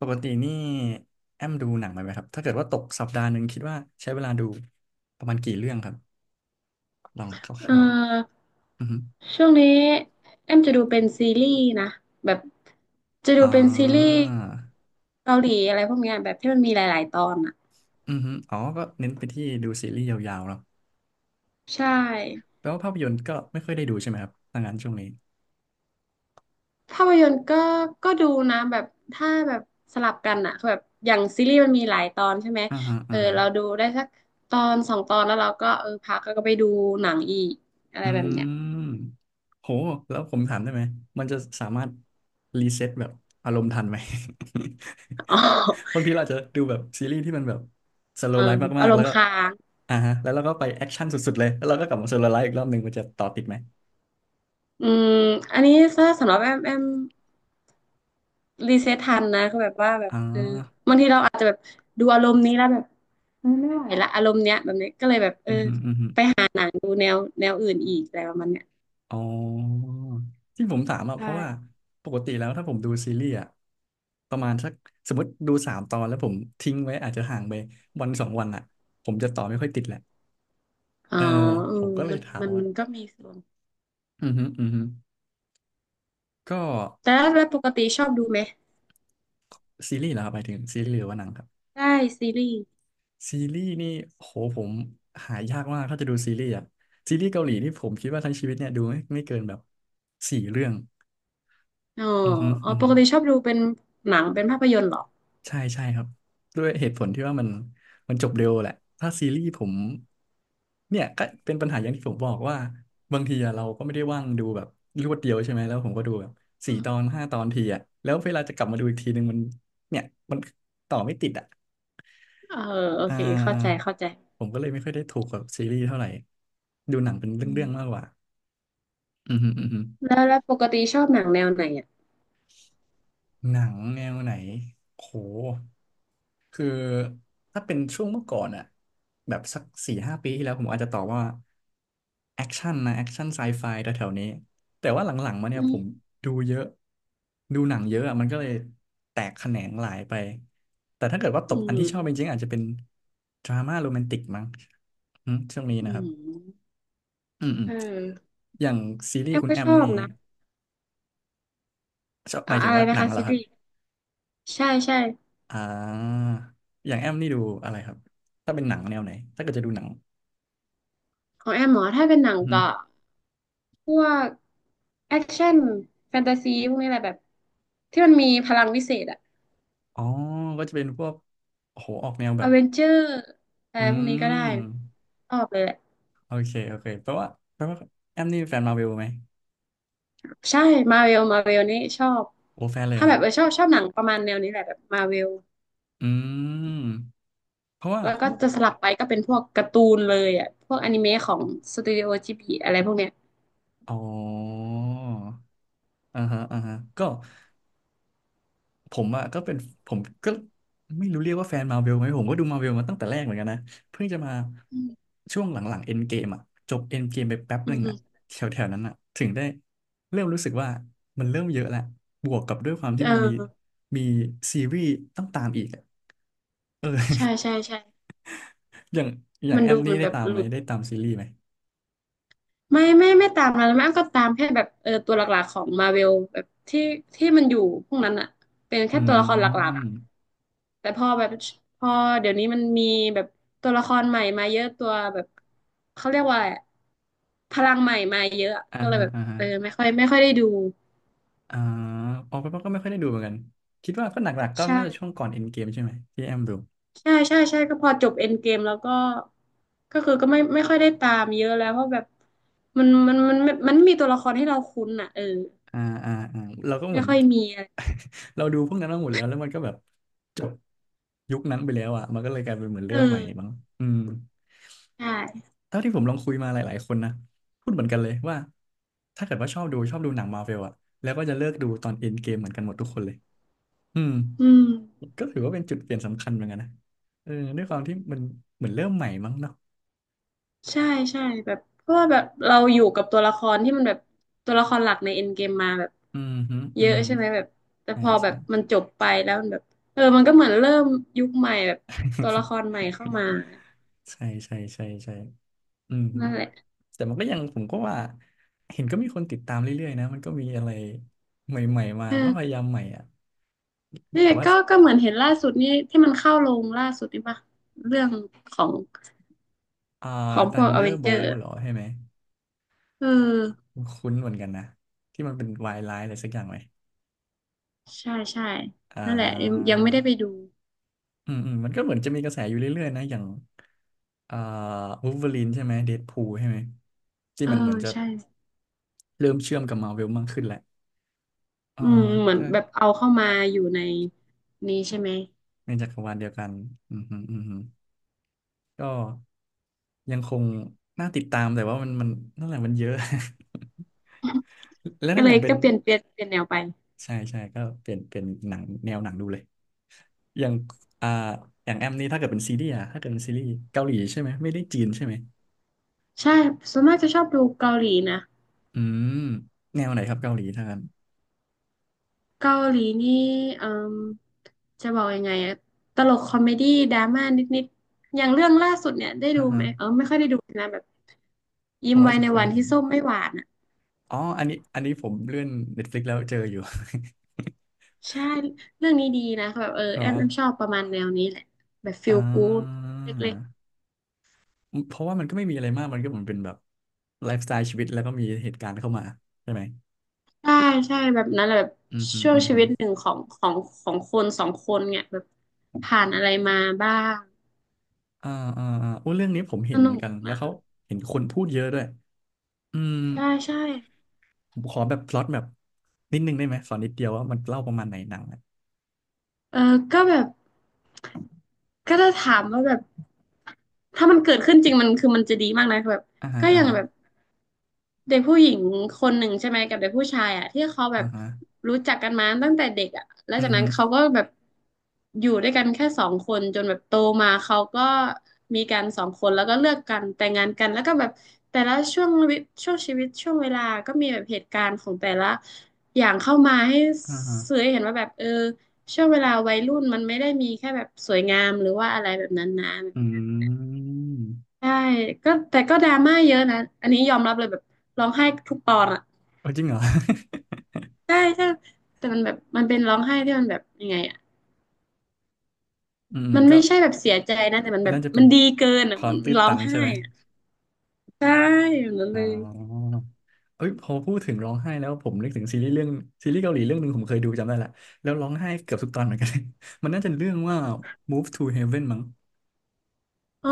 ปกตินี่แอมดูหนังไหมครับถ้าเกิดว่าตกสัปดาห์หนึ่งคิดว่าใช้เวลาดูประมาณกี่เรื่องครับลองคเอ่ร่าวอๆอือฮึช่วงนี้แอมจะดูเป็นซีรีส์นะแบบจะดูอ่เป็นซีรีส์าเกาหลีอะไรพวกเนี้ยแบบที่มันมีหลายๆตอนอ่ะอือฮึอ๋อก็เน้นไปที่ดูซีรีส์ยาวๆเนาะใช่แปลว่าภาพยนตร์ก็ไม่ค่อยได้ดูใช่ไหมครับถ้างั้นช่วงนี้ภาพยนตร์ก็ดูนะแบบถ้าแบบสลับกันอ่ะคือแบบอย่างซีรีส์มันมีหลายตอนใช่ไหมอ่าฮะเออ่าอฮะ เราดูได้สักตอนสองตอนแล้วเราก็เออพักแล้วก็ไปดูหนังอีกอะไรอืแบบเนี้ย มโหแล้วผมถามได้ไหมมันจะสามารถรีเซ็ตแบบอารมณ์ทันไหม อ๋อ บางทีเราอาจจะดูแบบซีรีส์ที่มันแบบสเอโล w อ l ไลฟ์มาอากรๆแล้มวณ์ก็ค้างอ่าฮะแล้วเราก็ไปแอคชั่นสุดๆเลยแล้วเราก็กลับมาสโล w l ไลฟ์อีกรอบหนึ่งมันจะต่อติดไหมอืมอันนี้ถ้าสำหรับแอมรีเซ็ตทันนะก็แบบว่าแบอ่บเออาบางทีเราอาจจะแบบดูอารมณ์นี้แล้วแบบเออไม่ไหวละอารมณ์เนี้ยแบบเนี้ยก็เลยแบบเออือมฮึอืมฮึหาหนังดูแนวอื่นอีกอะไรประมาณเนี้ยอ๋อที่ผมถามอ่ะเพราะว่าใช่ปกติแล้วถ้าผมดูซีรีส์อ่ะประมาณสักสมมติดูสามตอนแล้วผมทิ้งไว้อาจจะห่างไปวันสองวันอ่ะผมจะต่อไม่ค่อยติดแหละ อ๋อเออเอผอมก็เลมัยนถามมันว่ามันก็มีส่วนอือฮึอือฮึก็แต่แล้วแล้วปกติชอบดูไหมซีรีส์เหรอครับหมายถึงซีรีส์หรือว่าหนังครับได้ซีรีส์ซีรีส์นี่โหผมหายากมากถ้าจะดูซีรีส์อะซีรีส์เกาหลีนี่ผมคิดว่าทั้งชีวิตเนี่ยดูไม่เกินแบบสี่เรื่องอ๋ออือฮึอ๋ออือปฮึ กติชอบดูเป็นหนังเป็นภาพยนตร์เหรอใช่ใช่ครับด้วยเหตุผลที่ว่ามันมันจบเร็วแหละถ้าซีรีส์ผมเนี่ยก็เป็นปัญหาอย่างที่ผมบอกว่าบางทีอะเราก็ไม่ได้ว่างดูแบบรวดเดียวใช่ไหมแล้วผมก็ดูแบบสี่อืตอมนห้าตอนทีอะแล้วเวลาจะกลับมาดูอีกทีนึงมันเนี่ยมันต่อไม่ติดอะเออโออ่เคเข้าใจาเข้าใจผมก็เลยไม่ค่อยได้ถูกกับซีรีส์เท่าไหร่ดูหนังเป็นอืเรื่องๆมากมกว่าอืมฮึอืมฮึ แล้วปกติชอบหนังแนวไหนอ่ะหนังแนวไหนโหคือถ้าเป็นช่วงเมื่อก่อนอะแบบสักสี่ห้าปีที่แล้วผมอาจจะตอบว่าแอคชั่นนะแอคชั่นไซไฟแถวๆนี้แต่ว่าหลังๆมาเนี่อืยผมมดูเยอะดูหนังเยอะอะมันก็เลยแตกแขนงหลายไปแต่ถ้าเกิดว่าตอืกอันที่ชอบจมริงๆอาจจะเป็นดราม่าโรแมนติกมั้งอืมช่วงนี้อืนะครับมอืมอืมเอออย่างซีรีแอส์มคุณก็แอชมอนี่บนะ ชอบหมายถึอะงไรว่าหนะนังคะเหรซีอครัรีบ ส์ใช่ใช่อ่า อย่างแอมนี่ดูอะไรครับ ถ้าเป็นหนังแนวไหน ถ้าเกิดจะดูหนังของแอมหมอถ้าเป็นหนังอือหือก็พวกแอคชั่นแฟนตาซีพวกนี้แหละแบบที่มันมีพลังวิเศษอะอ๋อก็จะเป็นพวกโอ้โหออกแนวแบอบ เวนเจอร์อะอืไรพวกนี้ก็ได้ม ชอบเลยแหละโอเค โอเคแปลว่าแปลว่าแอมนี่เป็นแฟนมาร์เวลไหม ใช่มาเวลนี่ชอบโอ้แฟนเลยเหรถ้าอคแบรับบ เออชอบหนังประมาณแนวนี้แหละแบบมาเวลอืม เพราะว่าแล้วก็เมื่อจะสลับไปก็เป็นพวกการ์ตูนเลยอะพวกอนิเมะของสตูดิโอจิบลิอะไรพวกเนี้ยอ๋ออ่าฮะอ่าฮะ ก็ ผมอ่ะก็เป็นผมก็ไม่รู้เรียกว่าแฟนมาเวลไหมผมก็ดูมาเวลมาตั้งแต่แรกเหมือนกันนะเพิ่งจะมาอืมช่วงหลังๆเอ็นเกมอ่ะจบเอ็นเกมไปแป๊บหอืมนึ่งอือ่ะมแถวๆนั้นอ่ะถึงได้เริ่มรู้สึกว่ามันเริ่มเยอะแล้วบวกกับด้วยความที่เอมันมีอมีซีรีส์ต้องตามอีกอะเออใช่ใช่อย่างอย่างมันแอดูมนี่มันได้แบบตามหไหมลุด ได้ตามซีรีส์ไหมไม่ตามแล้วแม่อ้ำก็ตามแค่แบบเออตัวหลักๆของมาเวลแบบที่มันอยู่พวกนั้นอะเป็นอืแค่ตัวละครหลักๆอะมแต่พอแบบพอเดี๋ยวนี้มันมีแบบตัวละครใหม่มาเยอะตัวแบบเขาเรียกว่าอะไรอะพลังใหม่มาเยอะอ่าก็เลยฮะแบบอ่าฮะเออไม่ค่อยได้ดูอ่าออกไปก็ไม่ค่อยได้ดูเหมือนกันคิดว่าก็หนักๆก็ใช่น่าจะช่วงก่อนเอ็นเกมใช่ไหมที่แอมดูใช่ใช่ก็พอจบเอ็นเกมแล้วก็ก็คือก็ไม่ค่อยได้ตามเยอะแล้วเพราะแบบมันมันไมมีตัวละครให้เราคุ้นอ่ะเอออ่าอ่าอ่าเราก็เหไม่มือน ค่อยมีอะไรเราดูพวกนั้นมาหมดแล้วแล้วมันก็แบบจบยุคนั้นไปแล้วอ่ะมันก็เลยกลายเป็นเหมือนเอเริ่มใหม่มั้งอ อืมใช่เท่าที่ผมลองคุยมาหลายๆคนนะพูดเหมือนกันเลยว่าถ้าเกิดว่าชอบดูหนังมาร์เวลอ่ะแล้วก็จะเลิกดูตอนเอ็นเกมเหมือนกันหมดทุกคนเลยอืมอืมก็ถือว่าเป็นจุดเปลี่ยนสำคัญเหมือนกันนะเออด้วยความที่มันเหมือนเริ่มใหม่มั้งเนาะใช่ ใช่แบบเพราะว่าแบบเราอยู่กับตัวละครที่มันแบบตัวละครหลักในเอ็นเกมมาแบบอืมฮึเยอืมอะฮึใช่ไหมแบบแต่ใช่พอแบใช่ บมันจบไปแล้วมันแบบเออมันก็เหมือนเริ่มยุคใหม่แบบตัวละค รใหม่เข้ามาใช่ใช่ใช่ใช่อืมฮึ นั่นแหละแต่มันก็ยังผมก็ว่าเห็นก็มีคนติดตามเรื่อยๆนะมันก็มีอะไรใหม่ๆมาเอมันอก็พยายามใหม่อ่ะเนี่แต่ยว่าก็เหมือนเห็นล่าสุดนี่ที่มันเข้าลงล่าสุดนี่ปะเรื่องของอ่า พวกอเวนเจอ Thunderbolt ร์เหรอใช่ไหมเออคุ้นเหมือนกันนะที่มันเป็นวายร้ายอะไรสักอย่างไหมใช่ใช่อ่นั่นแหละยังไม่ได้ไปาดูอืมอืมมันก็เหมือนจะมีกระแสอยู่เรื่อยๆนะอย่างอ่าวูล์ฟเวอรีนใช่ไหมเดดพูลใช่ไหมที่เออมันเหมือนจะใช่ เริ่มเชื่อมกับมาเวลมากขึ้นแหละอ่าอืมเหมือนก็แบบเอาเข้ามาอยู่ในนี้ใช่ไหมในจักรวาลเดียวกันอืมฮึอืมฮึก็ยังคงน่าติดตามแต่ว่ามันนั่นแหละมันเยอะ แล้วก็นั่นเลอย่ายงเป็ก็นเปลี่ยนแนวไปใช่ใช่ก็เป็นหนังแนวหนังดูเลยอย่างอ่าอย่างแอมนี่ถ้าเกิดเป็นซีรีส์อะถ้าเกิดเป็นซีรีส์เกาหลีใช่ไหมไม่ได้จีนใช่ไหมใช่ส่วนมากจะชอบดูเกาหลีนะอืมแนวไหนครับเกาหลีถ้างั้นเกาหลีนี่เอ่มจะบอกยังไงอะตลกคอมเมดี้ดราม่านิดๆอย่างเรื่องล่าสุดเนี่ยได้อ่าดูฮะไหมเออไม่ค่อยได้ดูนะแบบผยิ้มมอาจไว้จะในเคยวันเห็ที่นส้มไม่หวานอ่ะอ๋ออันนี้ผมเลื่อน Netflix แล้วเจออยู่ ใช่เรื่องนี้ดีนะแบบเออ เหรอแอมชอบประมาณแนวนี้แหละแบบฟีอ่ลกู๊ดาเล็ก เพราะว่ามันก็ไม่มีอะไรมากมันก็เหมือนเป็นแบบไลฟ์สไตล์ชีวิตแล้วก็มีเหตุการณ์เข้ามาใช่ไหมใช่ใช่แบบนั้นแหละแบบอืมอืมช่วงอืมชีอืวิมตหนึ่งของของคนสองคนเนี่ยแบบผ่านอะไรมาบ้างอ่าอ่าอ่าโอ้เรื่องนี้ผมเห็สนเหมือนุนกกันแล้วนะเขาเห็นคนพูดเยอะด้วย อืมใช่ใช่ผมขอแบบพล็อตแบบนิดนึงได้ไหมสอนนิดเดียวว่ามันเล่าประมาณไหนหนังอ่ะเออก็แบบก็จะถามว่าแบบถ้ามันเกิดขึ้นจริงมันคือมันจะดีมากนะแบบอ่าฮะก็อ่ายังฮะแบบ เด็กผู้หญิงคนหนึ่งใช่ไหมกับเด็กผู้ชายอ่ะที่เขาแบอ่าบฮะรู้จักกันมาตั้งแต่เด็กอ่ะแล้วอืจามกฮึนั้นเขาก็แบบอยู่ด้วยกันแค่สองคนจนแบบโตมาเขาก็มีกันสองคนแล้วก็เลิกกันแต่งงานกันแล้วก็แบบแต่ละช่วงชีวิตช่วงเวลาก็มีแบบเหตุการณ์ของแต่ละอย่างเข้ามาให้อ่าฮะสื่อให้เห็นว่าแบบเออช่วงเวลาวัยรุ่นมันไม่ได้มีแค่แบบสวยงามหรือว่าอะไรแบบนั้นนะอืมใช่ก็แต่ก็ดราม่าเยอะนะอันนี้ยอมรับเลยแบบร้องไห้ทุกตอนอะ เออจริงเหรอ ใช่ใช่แต่มันแบบมันเป็นร้องไห้ที่มันแบบยังไงอ่ะ อืมมันก็ไม่ใช่แบบเสียใจนะแต่มันมันแบบน่าจะเป็มันนดีเกินคอ่ะวามัมนตื้นร้อตังนใช่ไห้ไหมอ่ะใช่อย่างนั้นอ๋เลยอเอ้ยพอพูดถึงร้องไห้แล้วผมนึกถึงซีรีส์เรื่องซีรีส์เกาหลีเรื่องหนึ่งผมเคยดูจำได้ละแล้วร้องไห้เกือบทุกตอนเหมือนกัน มันน่าจะเรื่องว่า Move to Heaven มั้งอ๋อ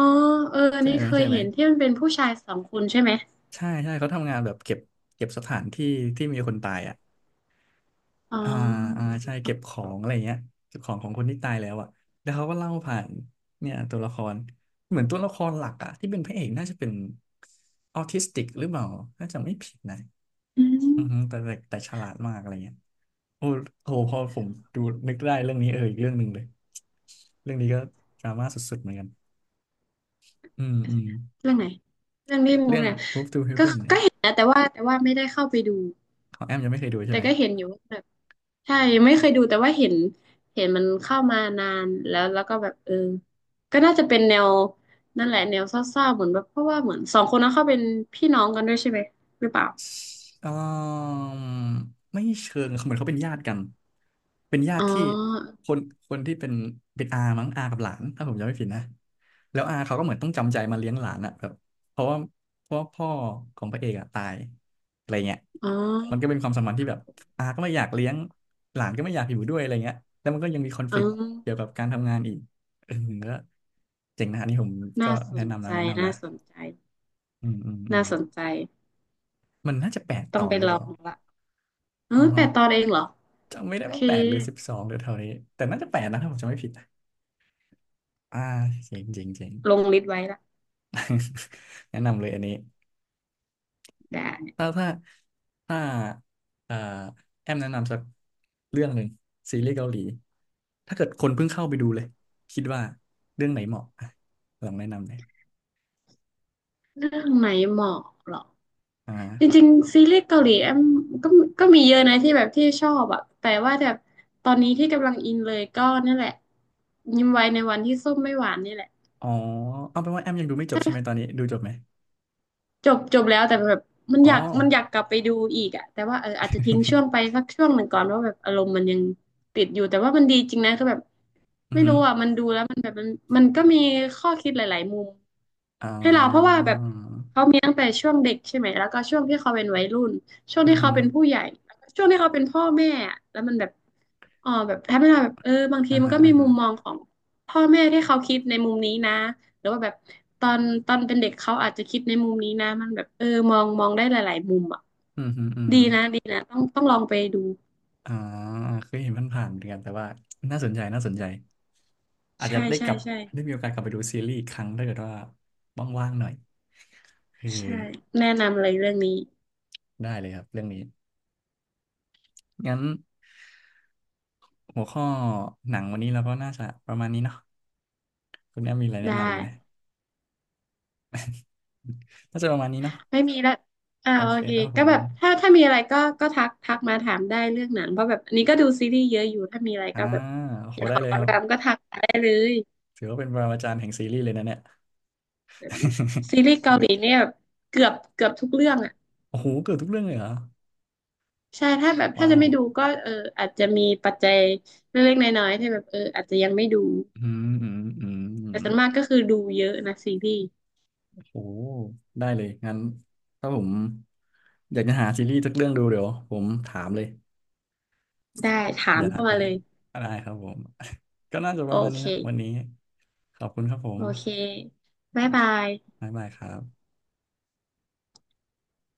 เอออันใช่นี้ไหมเคยใช่ไหมเห็นที่มันเป็นผู้ชายสองคนใช่ไหมใช่ใช่เขาทำงานแบบเก็บสถานที่ที่มีคนตายอ่ะ อ๋ออ่าอ่าใช่เก็บของอะไรเงี้ยเก็บของของคนที่ตายแล้วอ่ะแล้วเขาก็เล่าผ่านเนี่ยตัวละครเหมือนตัวละครหลักอ่ะที่เป็นพระเอกน่าจะเป็นออทิสติกหรือเปล่าน่าจะไม่ผิดนะอือืมอฮึแต่ฉลาดมากอะไรเงี้ยโอ้โหพอผมดูนึกได้เรื่องนี้เอออีกเรื่องหนึ่งเลยเรื่องนี้ก็ดราม่าสุดๆเหมือนกันอืมอืมเรื่องไหนเรื่องนี้เอ๊ะมุเรื่กอง เนี่ย Move to ก็ Heaven เนี่ก็ยเห็นนะแต่ว่าไม่ได้เข้าไปดูของแอมยังไม่เคยดูใช่แต่ไหม ก็เห็นอยู่ ใช่ไม่เคยดูแต่ว่าเห็นเห็นมันเข้ามานานแล้วแล้วก็แบบก็น่าจะเป็นแนวนั่นแหละแนวเศร้าๆเหมือนแบบเพราะว่าเหมือนสองคนนั้นเขาเป็นพี่น้องกันด้วยใช่ไหมหรือเปล่าเอ่อไม่เชิงเหมือนเขาเป็นญาติกันเป็นญาอ๋อติที่คนที่เป็นอามั้งอากับหลานถ้าผมจำไม่ผิดนะแล้วอาเขาก็เหมือนต้องจำใจมาเลี้ยงหลานอะแบบเพราะว่าเพราะว่าพ่อของพระเอกอะตายอะไรเงี้ยอ๋อมันก็เป็นความสัมพันธ์ที่แบบอาก็ไม่อยากเลี้ยงหลานก็ไม่อยากอยู่ด้วยอะไรเงี้ยแล้วมันก็ยังมีคอนฟ อ๋อ lict เกี่ยวกับการทำงานอีกเออก็เจ๋งนะอันนี้ผมก็น่าสแนะนนำนะใจแนะนำน่านะสนใจอืมอืมอืน่ามสนใจมันน่าจะแปดตต้อองนไปหรือลเปอล่างละเอออ๋อ แปดตอนเองเหรอจำไม่โอได้เคว่า8 หรือ 12หรือเท่านี้แต่น่าจะแปดนะถ้าผมจำไม่ผิดนะอ่าเจ๋งเจ๋งเจ๋ง ลงลิสต์ไว้ละ แนะนำเลยอันนี้ได้ถ้าถ้าถ้าเอ่อแอมแนะนำสักเรื่องหนึ่งซีรีส์เกาหลีถ้าเกิดคนเพิ่งเข้าไปดูเลยคิดว่าเรื่องไหนเหมาะอ่ะลองแนะนำเลยเรื่องไหนเหมาะเหรอ อจ่าริงๆซีรีส์เกาหลีแอมก็ก็มีเยอะนะที่แบบที่ชอบอะแต่ว่าแบบตอนนี้ที่กำลังอินเลยก็นั่นแหละยิ้มไว้ในวันที่ส้มไม่หวานนี่แหละอ๋อเอาเป็นว่าแอมยังดูไม่จบใช่ไหมตอนนี้ดูจบไหมจบจบแล้วแต่แบบมันอ๋อ อยากมันอยากกลับไปดูอีกอะแต่ว่าอาจจะทิ้งช่วงไป สักช่วงหนึ่งก่อนว่าแบบอารมณ์มันยังติดอยู่แต่ว่ามันดีจริงนะคือแบบ อือไม่หืรู้ออ่ะมันดูแล้วมันแบบมันก็มีข้อคิดหลายๆมุมอ๋ให้เราเพราะว่าอแบบเขามีตั้งแต่ช่วงเด็กใช่ไหมแล้วก็ช่วงที่เขาเป็นวัยรุ่นช่วงอือที่หืเขาอเป็นผู้ใหญ่แล้วก็ช่วงที่เขาเป็นพ่อแม่อะแล้วมันแบบอ๋อแบบทำให้เราแบบบางทีอ่ามันฮะก็อ่ามีฮะมุมมองของพ่อแม่ที่เขาคิดในมุมนี้นะหรือว่าแบบตอนตอนเป็นเด็กเขาอาจจะคิดในมุมนี้นะมันแบบมองได้หลายๆมุมอ่ะอือหืออือดีหือ นะดีนะต้องลองไปดูอ่าเคยเห็นผ่านๆเหมือนกันแต่ว่าน่าสนใจน่าสนใจอาจจะใช่ได้กใช่ลับใช่ได้มีโอกาสกลับไปดูซีรีส์อีกครั้งถ้าเกิดว่าว่างๆหน่อยเอใช่อแนะนำเลยเรื่องนี้ได้เลยครับเรื่องนี้งั้นหัวข้อหนังวันนี้เราก็น่าจะประมาณนี้เนาะคุณแอมมีอะไรแนะได้ นำอีกไหม น่าจะประมาณนี้เนาะไม่มีละอ่าโอโอเคเคครับผก็แบมบถ้ามีอะไรก็ก็ทักมาถามได้เรื่องหนังเพราะแบบอันนี้ก็ดูซีรีส์เยอะอยู่ถ้ามีอะไรอ่าก็แบบโอ้อโหยากขได้อเลยครัคำบถามก็ทักมาได้เลยถือว่าเป็นปรมาจารย์แห่งซีรีส์เลยนะเนี่ย แบบ ซีรีส์เกาหลีเนี่ยเกือบทุกเรื่องอ่ะโอ้โหเกือบทุกเรื่องเลยเหรอใช่ถ้าแบบถ้าว้าจะวไม่ดูก็อาจจะมีปัจจัยเล็กๆน้อยๆที่แบบอาจจะยังไม่ดูอืมอืมอืแต่ม ส่วนมากก็คือดูเยอะนะซีรีส์โอ้ได้เลยงั้นถ้าผมอยากจะหาซีรีส์สักเรื่องดูเดี๋ยวผมถามเลยได้ถาอมย่าทัเข้ากไปมาเลยได้ครับผม ก็น่าจะปโอระมาณนี้เคนะวันนี้ขอบคุณครับผโอมเคบ๊ายบายบ๊ายบายครับ